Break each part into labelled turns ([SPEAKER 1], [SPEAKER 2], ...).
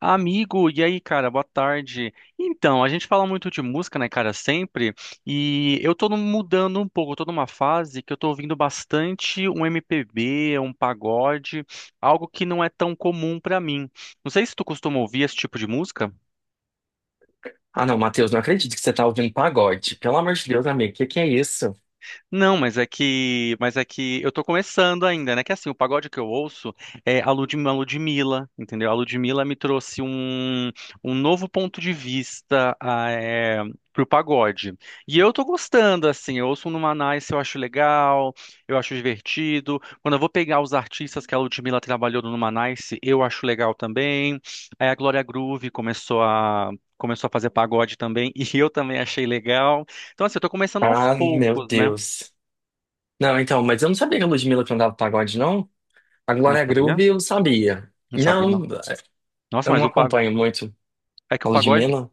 [SPEAKER 1] Amigo, e aí, cara, boa tarde. Então, a gente fala muito de música, né, cara, sempre, e eu tô mudando um pouco, eu tô numa fase que eu tô ouvindo bastante um MPB, um pagode, algo que não é tão comum pra mim. Não sei se tu costuma ouvir esse tipo de música.
[SPEAKER 2] Ah, não, Matheus, não acredito que você tá ouvindo pagode. Pelo amor de Deus, amigo, o que que é isso?
[SPEAKER 1] Não, mas é que eu tô começando ainda, né? Que assim, o pagode que eu ouço é a a Ludmilla, entendeu? A Ludmilla me trouxe um novo ponto de vista pro pagode. E eu tô gostando, assim, eu ouço um Numa Nice, eu acho legal, eu acho divertido. Quando eu vou pegar os artistas que a Ludmilla trabalhou no Numa Nice, eu acho legal também. Aí a Glória Groove Começou a fazer pagode também, e eu também achei legal. Então, assim, eu tô começando aos
[SPEAKER 2] Ah, meu
[SPEAKER 1] poucos, né?
[SPEAKER 2] Deus. Não, então, mas eu não sabia que a Ludmilla cantava pagode, não? A
[SPEAKER 1] Não
[SPEAKER 2] Glória
[SPEAKER 1] sabia?
[SPEAKER 2] Groove eu sabia.
[SPEAKER 1] Não sabia, não.
[SPEAKER 2] Não,
[SPEAKER 1] Nossa,
[SPEAKER 2] eu
[SPEAKER 1] mas
[SPEAKER 2] não
[SPEAKER 1] o pagode.
[SPEAKER 2] acompanho muito
[SPEAKER 1] É que
[SPEAKER 2] a
[SPEAKER 1] o pagode
[SPEAKER 2] Ludmilla.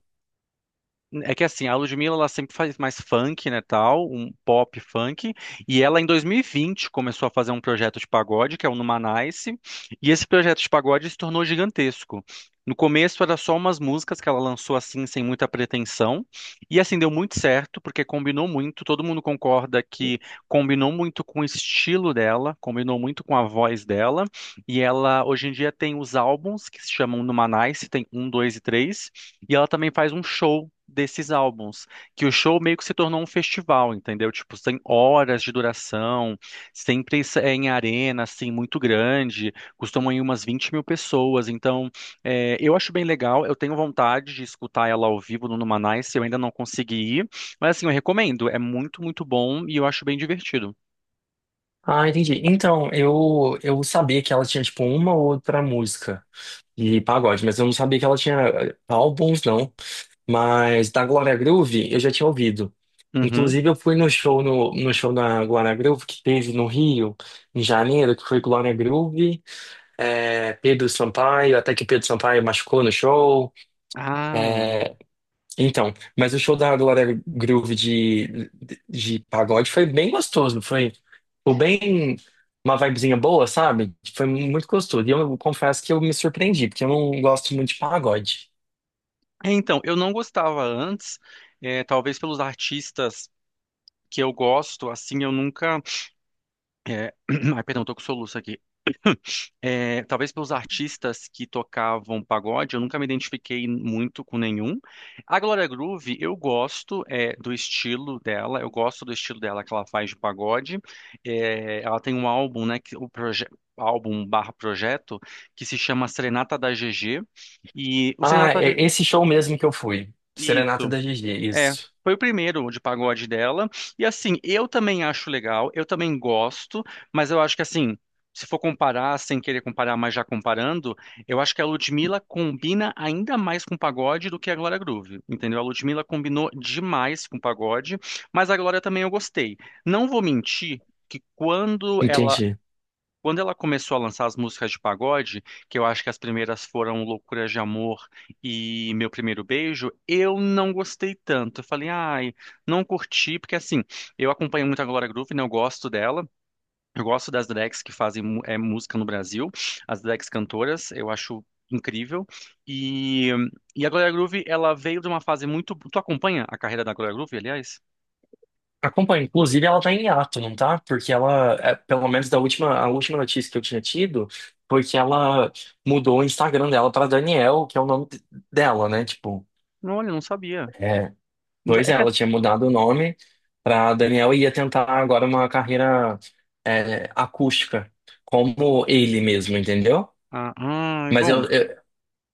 [SPEAKER 1] É que assim, a Ludmilla ela sempre faz mais funk, né, tal, um pop funk, e ela em 2020 começou a fazer um projeto de pagode, que é o Numanice, e esse projeto de pagode se tornou gigantesco. No começo era só umas músicas que ela lançou assim, sem muita pretensão, e assim deu muito certo, porque combinou muito, todo mundo concorda que combinou muito com o estilo dela, combinou muito com a voz dela, e ela hoje em dia tem os álbuns que se chamam Numanice, tem um, dois e três. E ela também faz um show desses álbuns, que o show meio que se tornou um festival, entendeu? Tipo, tem horas de duração, sempre isso é em arena, assim, muito grande, costumam ir umas 20 mil pessoas, então é, eu acho bem legal, eu tenho vontade de escutar ela ao vivo no Numanice, eu ainda não consegui ir, mas assim, eu recomendo, é muito, muito bom e eu acho bem divertido.
[SPEAKER 2] Ah, entendi. Então, eu sabia que ela tinha, tipo, uma ou outra música. E pagode, mas eu não sabia que ela tinha álbuns, não. Mas da Glória Groove eu já tinha ouvido.
[SPEAKER 1] Uhum.
[SPEAKER 2] Inclusive, eu fui no show, no show da Glória Groove que teve no Rio, em janeiro, que foi Glória Groove, Pedro Sampaio, até que Pedro Sampaio machucou no show.
[SPEAKER 1] Ah,
[SPEAKER 2] eh, então, mas o show da Glória Groove de pagode foi bem gostoso, foi, foi bem uma vibezinha boa, sabe? Foi muito gostoso. E eu confesso que eu me surpreendi, porque eu não gosto muito de pagode.
[SPEAKER 1] é, então, eu não gostava antes, é, talvez pelos artistas que eu gosto, assim, eu nunca é, ai, perdão, tô com soluço aqui. É, talvez pelos artistas que tocavam pagode, eu nunca me identifiquei muito com nenhum. A Glória Groove, eu gosto é, do estilo dela, eu gosto do estilo dela que ela faz de pagode. É, ela tem um álbum, né, que, álbum barra projeto, que se chama Serenata da GG, e o
[SPEAKER 2] Ah,
[SPEAKER 1] Serenata da
[SPEAKER 2] é
[SPEAKER 1] G-
[SPEAKER 2] esse show mesmo que eu fui. Serenata
[SPEAKER 1] isso,
[SPEAKER 2] da GG,
[SPEAKER 1] é,
[SPEAKER 2] isso.
[SPEAKER 1] foi o primeiro de pagode dela. E assim, eu também acho legal, eu também gosto, mas eu acho que assim, se for comparar, sem querer comparar, mas já comparando, eu acho que a Ludmilla combina ainda mais com pagode do que a Glória Groove, entendeu? A Ludmilla combinou demais com pagode, mas a Glória também eu gostei. Não vou mentir que quando ela
[SPEAKER 2] Entendi.
[SPEAKER 1] quando ela começou a lançar as músicas de pagode, que eu acho que as primeiras foram Loucuras de Amor e Meu Primeiro Beijo, eu não gostei tanto. Eu falei, ai, não curti, porque assim, eu acompanho muito a Glória Groove, né? Eu gosto dela, eu gosto das drags que fazem música no Brasil, as drags cantoras, eu acho incrível. E, e a Glória Groove, ela veio de uma fase muito. Tu acompanha a carreira da Glória Groove, aliás?
[SPEAKER 2] Acompanho. Inclusive, ela tá em hiato, não tá? Porque ela, é, pelo menos a última notícia que eu tinha tido, foi que ela mudou o Instagram dela pra Daniel, que é o nome dela, né? Tipo.
[SPEAKER 1] Olha, eu não sabia.
[SPEAKER 2] É.
[SPEAKER 1] Não sa-
[SPEAKER 2] Pois
[SPEAKER 1] É
[SPEAKER 2] é,
[SPEAKER 1] que. A-
[SPEAKER 2] ela tinha mudado o nome para Daniel e ia tentar agora uma carreira é, acústica, como ele mesmo, entendeu?
[SPEAKER 1] Ah, ai,
[SPEAKER 2] Mas
[SPEAKER 1] bom.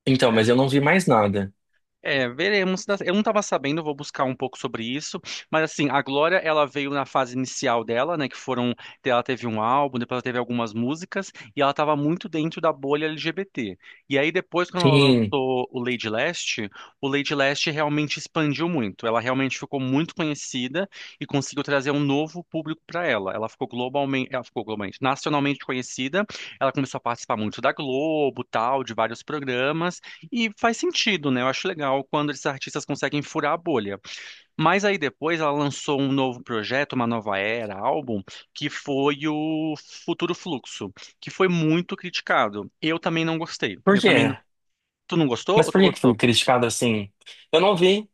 [SPEAKER 2] então, mas eu não vi mais nada.
[SPEAKER 1] É, veremos, né? Eu não estava sabendo, vou buscar um pouco sobre isso. Mas assim, a Glória, ela veio na fase inicial dela, né? Que foram, ela teve um álbum, depois ela teve algumas músicas e ela estava muito dentro da bolha LGBT. E aí depois, quando ela
[SPEAKER 2] Sim.
[SPEAKER 1] lançou o Lady Leste realmente expandiu muito. Ela realmente ficou muito conhecida e conseguiu trazer um novo público para ela. Ela ficou globalmente, nacionalmente conhecida. Ela começou a participar muito da Globo, tal, de vários programas. E faz sentido, né? Eu acho legal quando esses artistas conseguem furar a bolha. Mas aí depois ela lançou um novo projeto, uma nova era, álbum, que foi o Futuro Fluxo, que foi muito criticado. Eu também não gostei.
[SPEAKER 2] Por
[SPEAKER 1] Eu também
[SPEAKER 2] quê?
[SPEAKER 1] não. Tu não gostou
[SPEAKER 2] Mas
[SPEAKER 1] ou tu
[SPEAKER 2] por que que foi
[SPEAKER 1] gostou?
[SPEAKER 2] criticado assim? Eu não vi,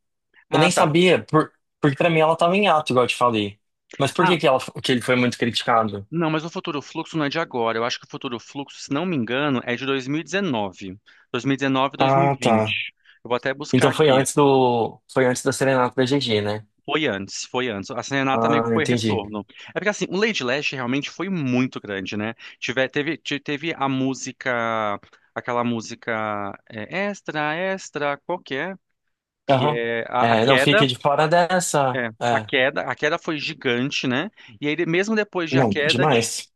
[SPEAKER 2] eu
[SPEAKER 1] Ah,
[SPEAKER 2] nem
[SPEAKER 1] tá.
[SPEAKER 2] sabia, porque pra mim ela tava em ato, igual eu te falei. Mas por
[SPEAKER 1] Ah,
[SPEAKER 2] que que ela, que ele foi muito criticado?
[SPEAKER 1] não, mas o Futuro Fluxo não é de agora. Eu acho que o Futuro Fluxo, se não me engano, é de 2019. 2019,
[SPEAKER 2] Ah, tá.
[SPEAKER 1] 2020. Eu vou até buscar
[SPEAKER 2] Então foi
[SPEAKER 1] aqui.
[SPEAKER 2] foi antes da serenata da GG, né?
[SPEAKER 1] Foi antes, foi antes. A Serenata meio
[SPEAKER 2] Ah,
[SPEAKER 1] que foi
[SPEAKER 2] entendi.
[SPEAKER 1] retorno. É porque assim, o Lady Lash realmente foi muito grande, né? Teve a música, aquela música é, extra, extra, qualquer, que
[SPEAKER 2] Aham.
[SPEAKER 1] é a
[SPEAKER 2] É, não fique
[SPEAKER 1] queda.
[SPEAKER 2] de fora dessa.
[SPEAKER 1] É,
[SPEAKER 2] É.
[SPEAKER 1] a queda foi gigante, né? E aí, mesmo depois de a
[SPEAKER 2] Não,
[SPEAKER 1] queda,
[SPEAKER 2] demais.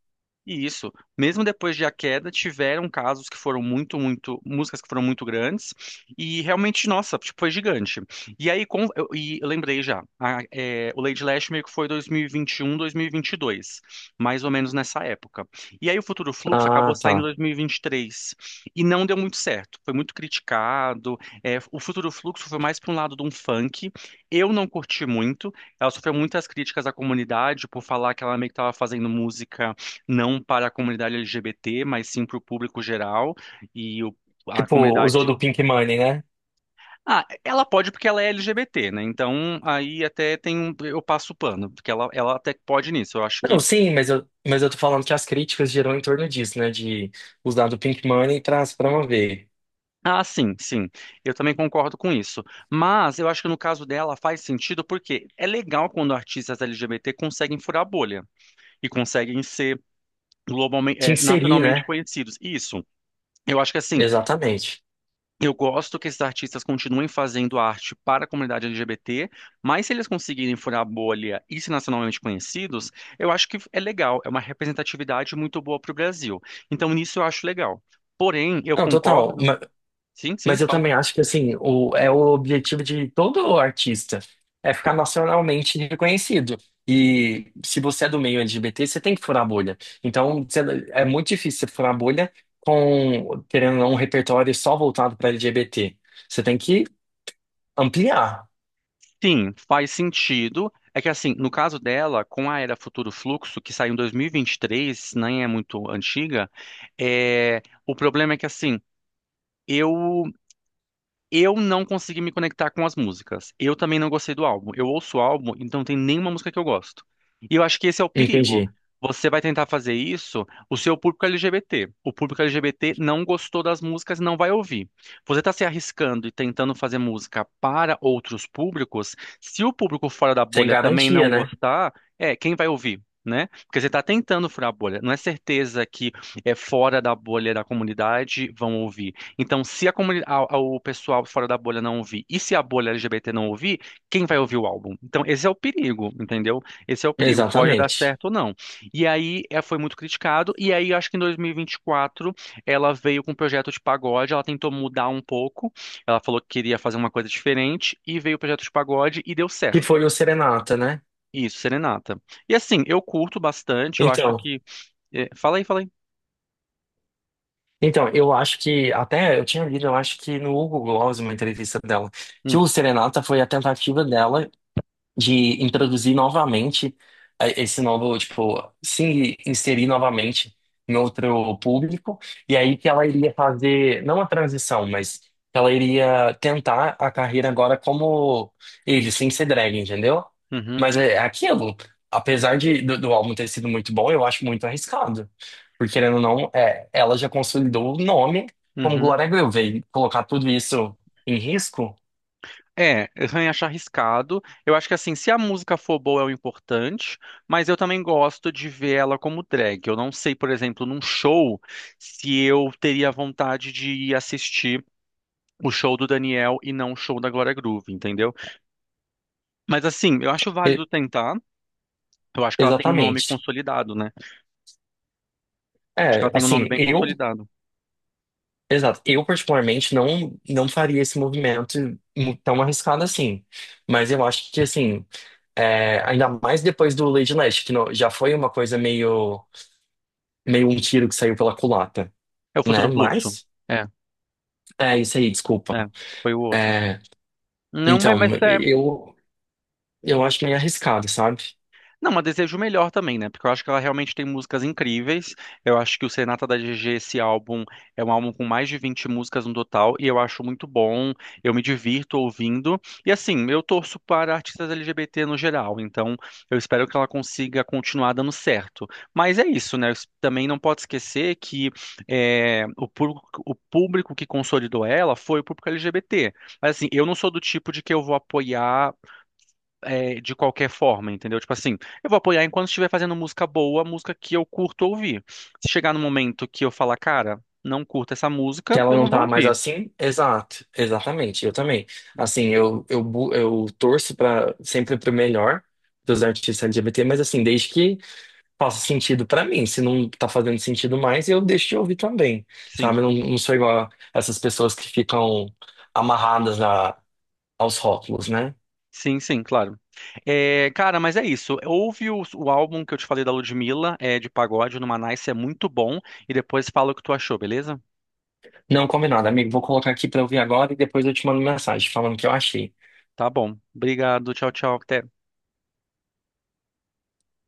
[SPEAKER 1] e isso, mesmo depois de A Queda, tiveram casos que foram muito, muito, músicas que foram muito grandes, e realmente, nossa, tipo, foi gigante. E aí, com, eu, e eu lembrei já, o Lady Leste meio que foi 2021, 2022, mais ou menos nessa época. E aí o Futuro Fluxo
[SPEAKER 2] Ah,
[SPEAKER 1] acabou saindo em
[SPEAKER 2] tá.
[SPEAKER 1] 2023, e 23, e não deu muito certo, foi muito criticado, é, o Futuro Fluxo foi mais para um lado de um funk, eu não curti muito, ela sofreu muitas críticas à comunidade por falar que ela meio que estava fazendo música não para a comunidade LGBT, mas sim para o público geral e a
[SPEAKER 2] Tipo, usou
[SPEAKER 1] comunidade.
[SPEAKER 2] do Pink Money, né?
[SPEAKER 1] Ah, ela pode porque ela é LGBT, né? Então aí até tem um, eu passo o pano, porque ela até pode nisso. Eu acho que
[SPEAKER 2] Não, sim, mas mas eu tô falando que as críticas giram em torno disso, né? De usar do Pink Money para se promover.
[SPEAKER 1] sim, sim. Eu também concordo com isso. Mas eu acho que no caso dela faz sentido porque é legal quando artistas LGBT conseguem furar a bolha e conseguem ser globalmente,
[SPEAKER 2] Te inserir,
[SPEAKER 1] nacionalmente
[SPEAKER 2] né?
[SPEAKER 1] conhecidos. Isso. Eu acho que assim,
[SPEAKER 2] Exatamente.
[SPEAKER 1] eu gosto que esses artistas continuem fazendo arte para a comunidade LGBT, mas se eles conseguirem furar a bolha e ser nacionalmente conhecidos, eu acho que é legal, é uma representatividade muito boa para o Brasil. Então, nisso eu acho legal. Porém, eu
[SPEAKER 2] Não, total.
[SPEAKER 1] concordo. Sim, sim,
[SPEAKER 2] Mas eu
[SPEAKER 1] fala.
[SPEAKER 2] também acho que assim, é o objetivo de todo artista, é ficar nacionalmente reconhecido. E se você é do meio LGBT, você tem que furar a bolha. Então, você- é muito difícil você furar a bolha com, querendo ou não, um repertório só voltado para LGBT. Você tem que ampliar,
[SPEAKER 1] Sim, faz sentido. É que assim, no caso dela, com a Era Futuro Fluxo, que saiu em 2023, nem é muito antiga, o problema é que assim, eu Eu não consegui me conectar com as músicas. Eu também não gostei do álbum. Eu ouço o álbum, então não tem nenhuma música que eu gosto. E eu acho que esse é o perigo.
[SPEAKER 2] entendi.
[SPEAKER 1] Você vai tentar fazer isso, o seu público é LGBT. O público LGBT não gostou das músicas e não vai ouvir. Você está se arriscando e tentando fazer música para outros públicos. Se o público fora da
[SPEAKER 2] Sem
[SPEAKER 1] bolha também
[SPEAKER 2] garantia,
[SPEAKER 1] não
[SPEAKER 2] né?
[SPEAKER 1] gostar, é, quem vai ouvir? Né? Porque você está tentando furar a bolha. Não é certeza que é fora da bolha da comunidade vão ouvir. Então, se a comuni- a- o pessoal fora da bolha não ouvir, e se a bolha LGBT não ouvir, quem vai ouvir o álbum? Então, esse é o perigo, entendeu? Esse é o perigo, pode dar
[SPEAKER 2] Exatamente.
[SPEAKER 1] certo ou não. E aí, é, foi muito criticado, e aí, acho que em 2024, ela veio com um projeto de pagode, ela tentou mudar um pouco, ela falou que queria fazer uma coisa diferente, e veio o projeto de pagode, e deu
[SPEAKER 2] Que
[SPEAKER 1] certo.
[SPEAKER 2] foi o Serenata, né?
[SPEAKER 1] Isso, Serenata. E assim, eu curto bastante, eu acho
[SPEAKER 2] Então,
[SPEAKER 1] que... é, fala aí, fala aí.
[SPEAKER 2] então, eu acho que, até eu tinha lido, eu acho que no Hugo Gloss, uma entrevista dela, que
[SPEAKER 1] Hum,
[SPEAKER 2] o Serenata foi a tentativa dela de introduzir novamente a- esse novo, tipo, se inserir novamente em outro público, e aí que ela iria fazer, não a transição, mas que ela iria tentar a carreira agora como ele, sem ser drag, entendeu?
[SPEAKER 1] uhum,
[SPEAKER 2] Mas é é aquilo, apesar do álbum ter sido muito bom, eu acho muito arriscado, porque querendo ou não, é, ela já consolidou o nome como
[SPEAKER 1] uhum.
[SPEAKER 2] Glória Groove, e colocar tudo isso em risco,
[SPEAKER 1] É, eu acho arriscado. Eu acho que assim, se a música for boa é o importante, mas eu também gosto de ver ela como drag. Eu não sei, por exemplo, num show, se eu teria vontade de ir assistir o show do Daniel e não o show da Glória Groove, entendeu? Mas assim, eu acho
[SPEAKER 2] e-
[SPEAKER 1] válido tentar. Eu acho que ela tem um nome
[SPEAKER 2] exatamente.
[SPEAKER 1] consolidado, né? Acho que ela
[SPEAKER 2] É,
[SPEAKER 1] tem um nome
[SPEAKER 2] assim,
[SPEAKER 1] bem
[SPEAKER 2] eu
[SPEAKER 1] consolidado.
[SPEAKER 2] Exato. Eu, particularmente, não, não faria esse movimento mu- tão arriscado assim. Mas eu acho que, assim, é, ainda mais depois do Lady Leste, que não- já foi uma coisa meio, meio um tiro que saiu pela culata,
[SPEAKER 1] É o
[SPEAKER 2] né?
[SPEAKER 1] Futuro Fluxo.
[SPEAKER 2] Mas,
[SPEAKER 1] É,
[SPEAKER 2] é isso aí, desculpa.
[SPEAKER 1] é, foi o outro.
[SPEAKER 2] É,
[SPEAKER 1] Não, mas
[SPEAKER 2] então,
[SPEAKER 1] mas é.
[SPEAKER 2] eu acho meio arriscado, sabe?
[SPEAKER 1] Não, mas desejo o melhor também, né? Porque eu acho que ela realmente tem músicas incríveis. Eu acho que o Serenata da GG, esse álbum, é um álbum com mais de 20 músicas no total, e eu acho muito bom. Eu me divirto ouvindo. E assim, eu torço para artistas LGBT no geral, então eu espero que ela consiga continuar dando certo. Mas é isso, né? Também não pode esquecer que é, o público que consolidou ela foi o público LGBT. Mas assim, eu não sou do tipo de que eu vou apoiar é, de qualquer forma, entendeu? Tipo assim, eu vou apoiar enquanto estiver fazendo música boa, música que eu curto ouvir. Se chegar no momento que eu falar, cara, não curto essa
[SPEAKER 2] Que
[SPEAKER 1] música,
[SPEAKER 2] ela
[SPEAKER 1] eu
[SPEAKER 2] não
[SPEAKER 1] não vou
[SPEAKER 2] tá mais
[SPEAKER 1] ouvir.
[SPEAKER 2] assim? Exato, exatamente, eu também. Assim, eu torço para sempre pro melhor dos artistas LGBT, mas assim, desde que faça sentido pra mim. Se não tá fazendo sentido mais, eu deixo de ouvir também,
[SPEAKER 1] Sim,
[SPEAKER 2] sabe? Eu não, não sou igual a essas pessoas que ficam amarradas a, aos rótulos, né?
[SPEAKER 1] sim, sim, claro. É, cara, mas é isso. Ouve o álbum que eu te falei da Ludmilla, é de pagode, no Nice, é muito bom. E depois fala o que tu achou, beleza?
[SPEAKER 2] Não, combinado, amigo. Vou colocar aqui pra ouvir agora e depois eu te mando mensagem falando o que eu achei.
[SPEAKER 1] Tá bom. Obrigado, tchau, tchau. Até.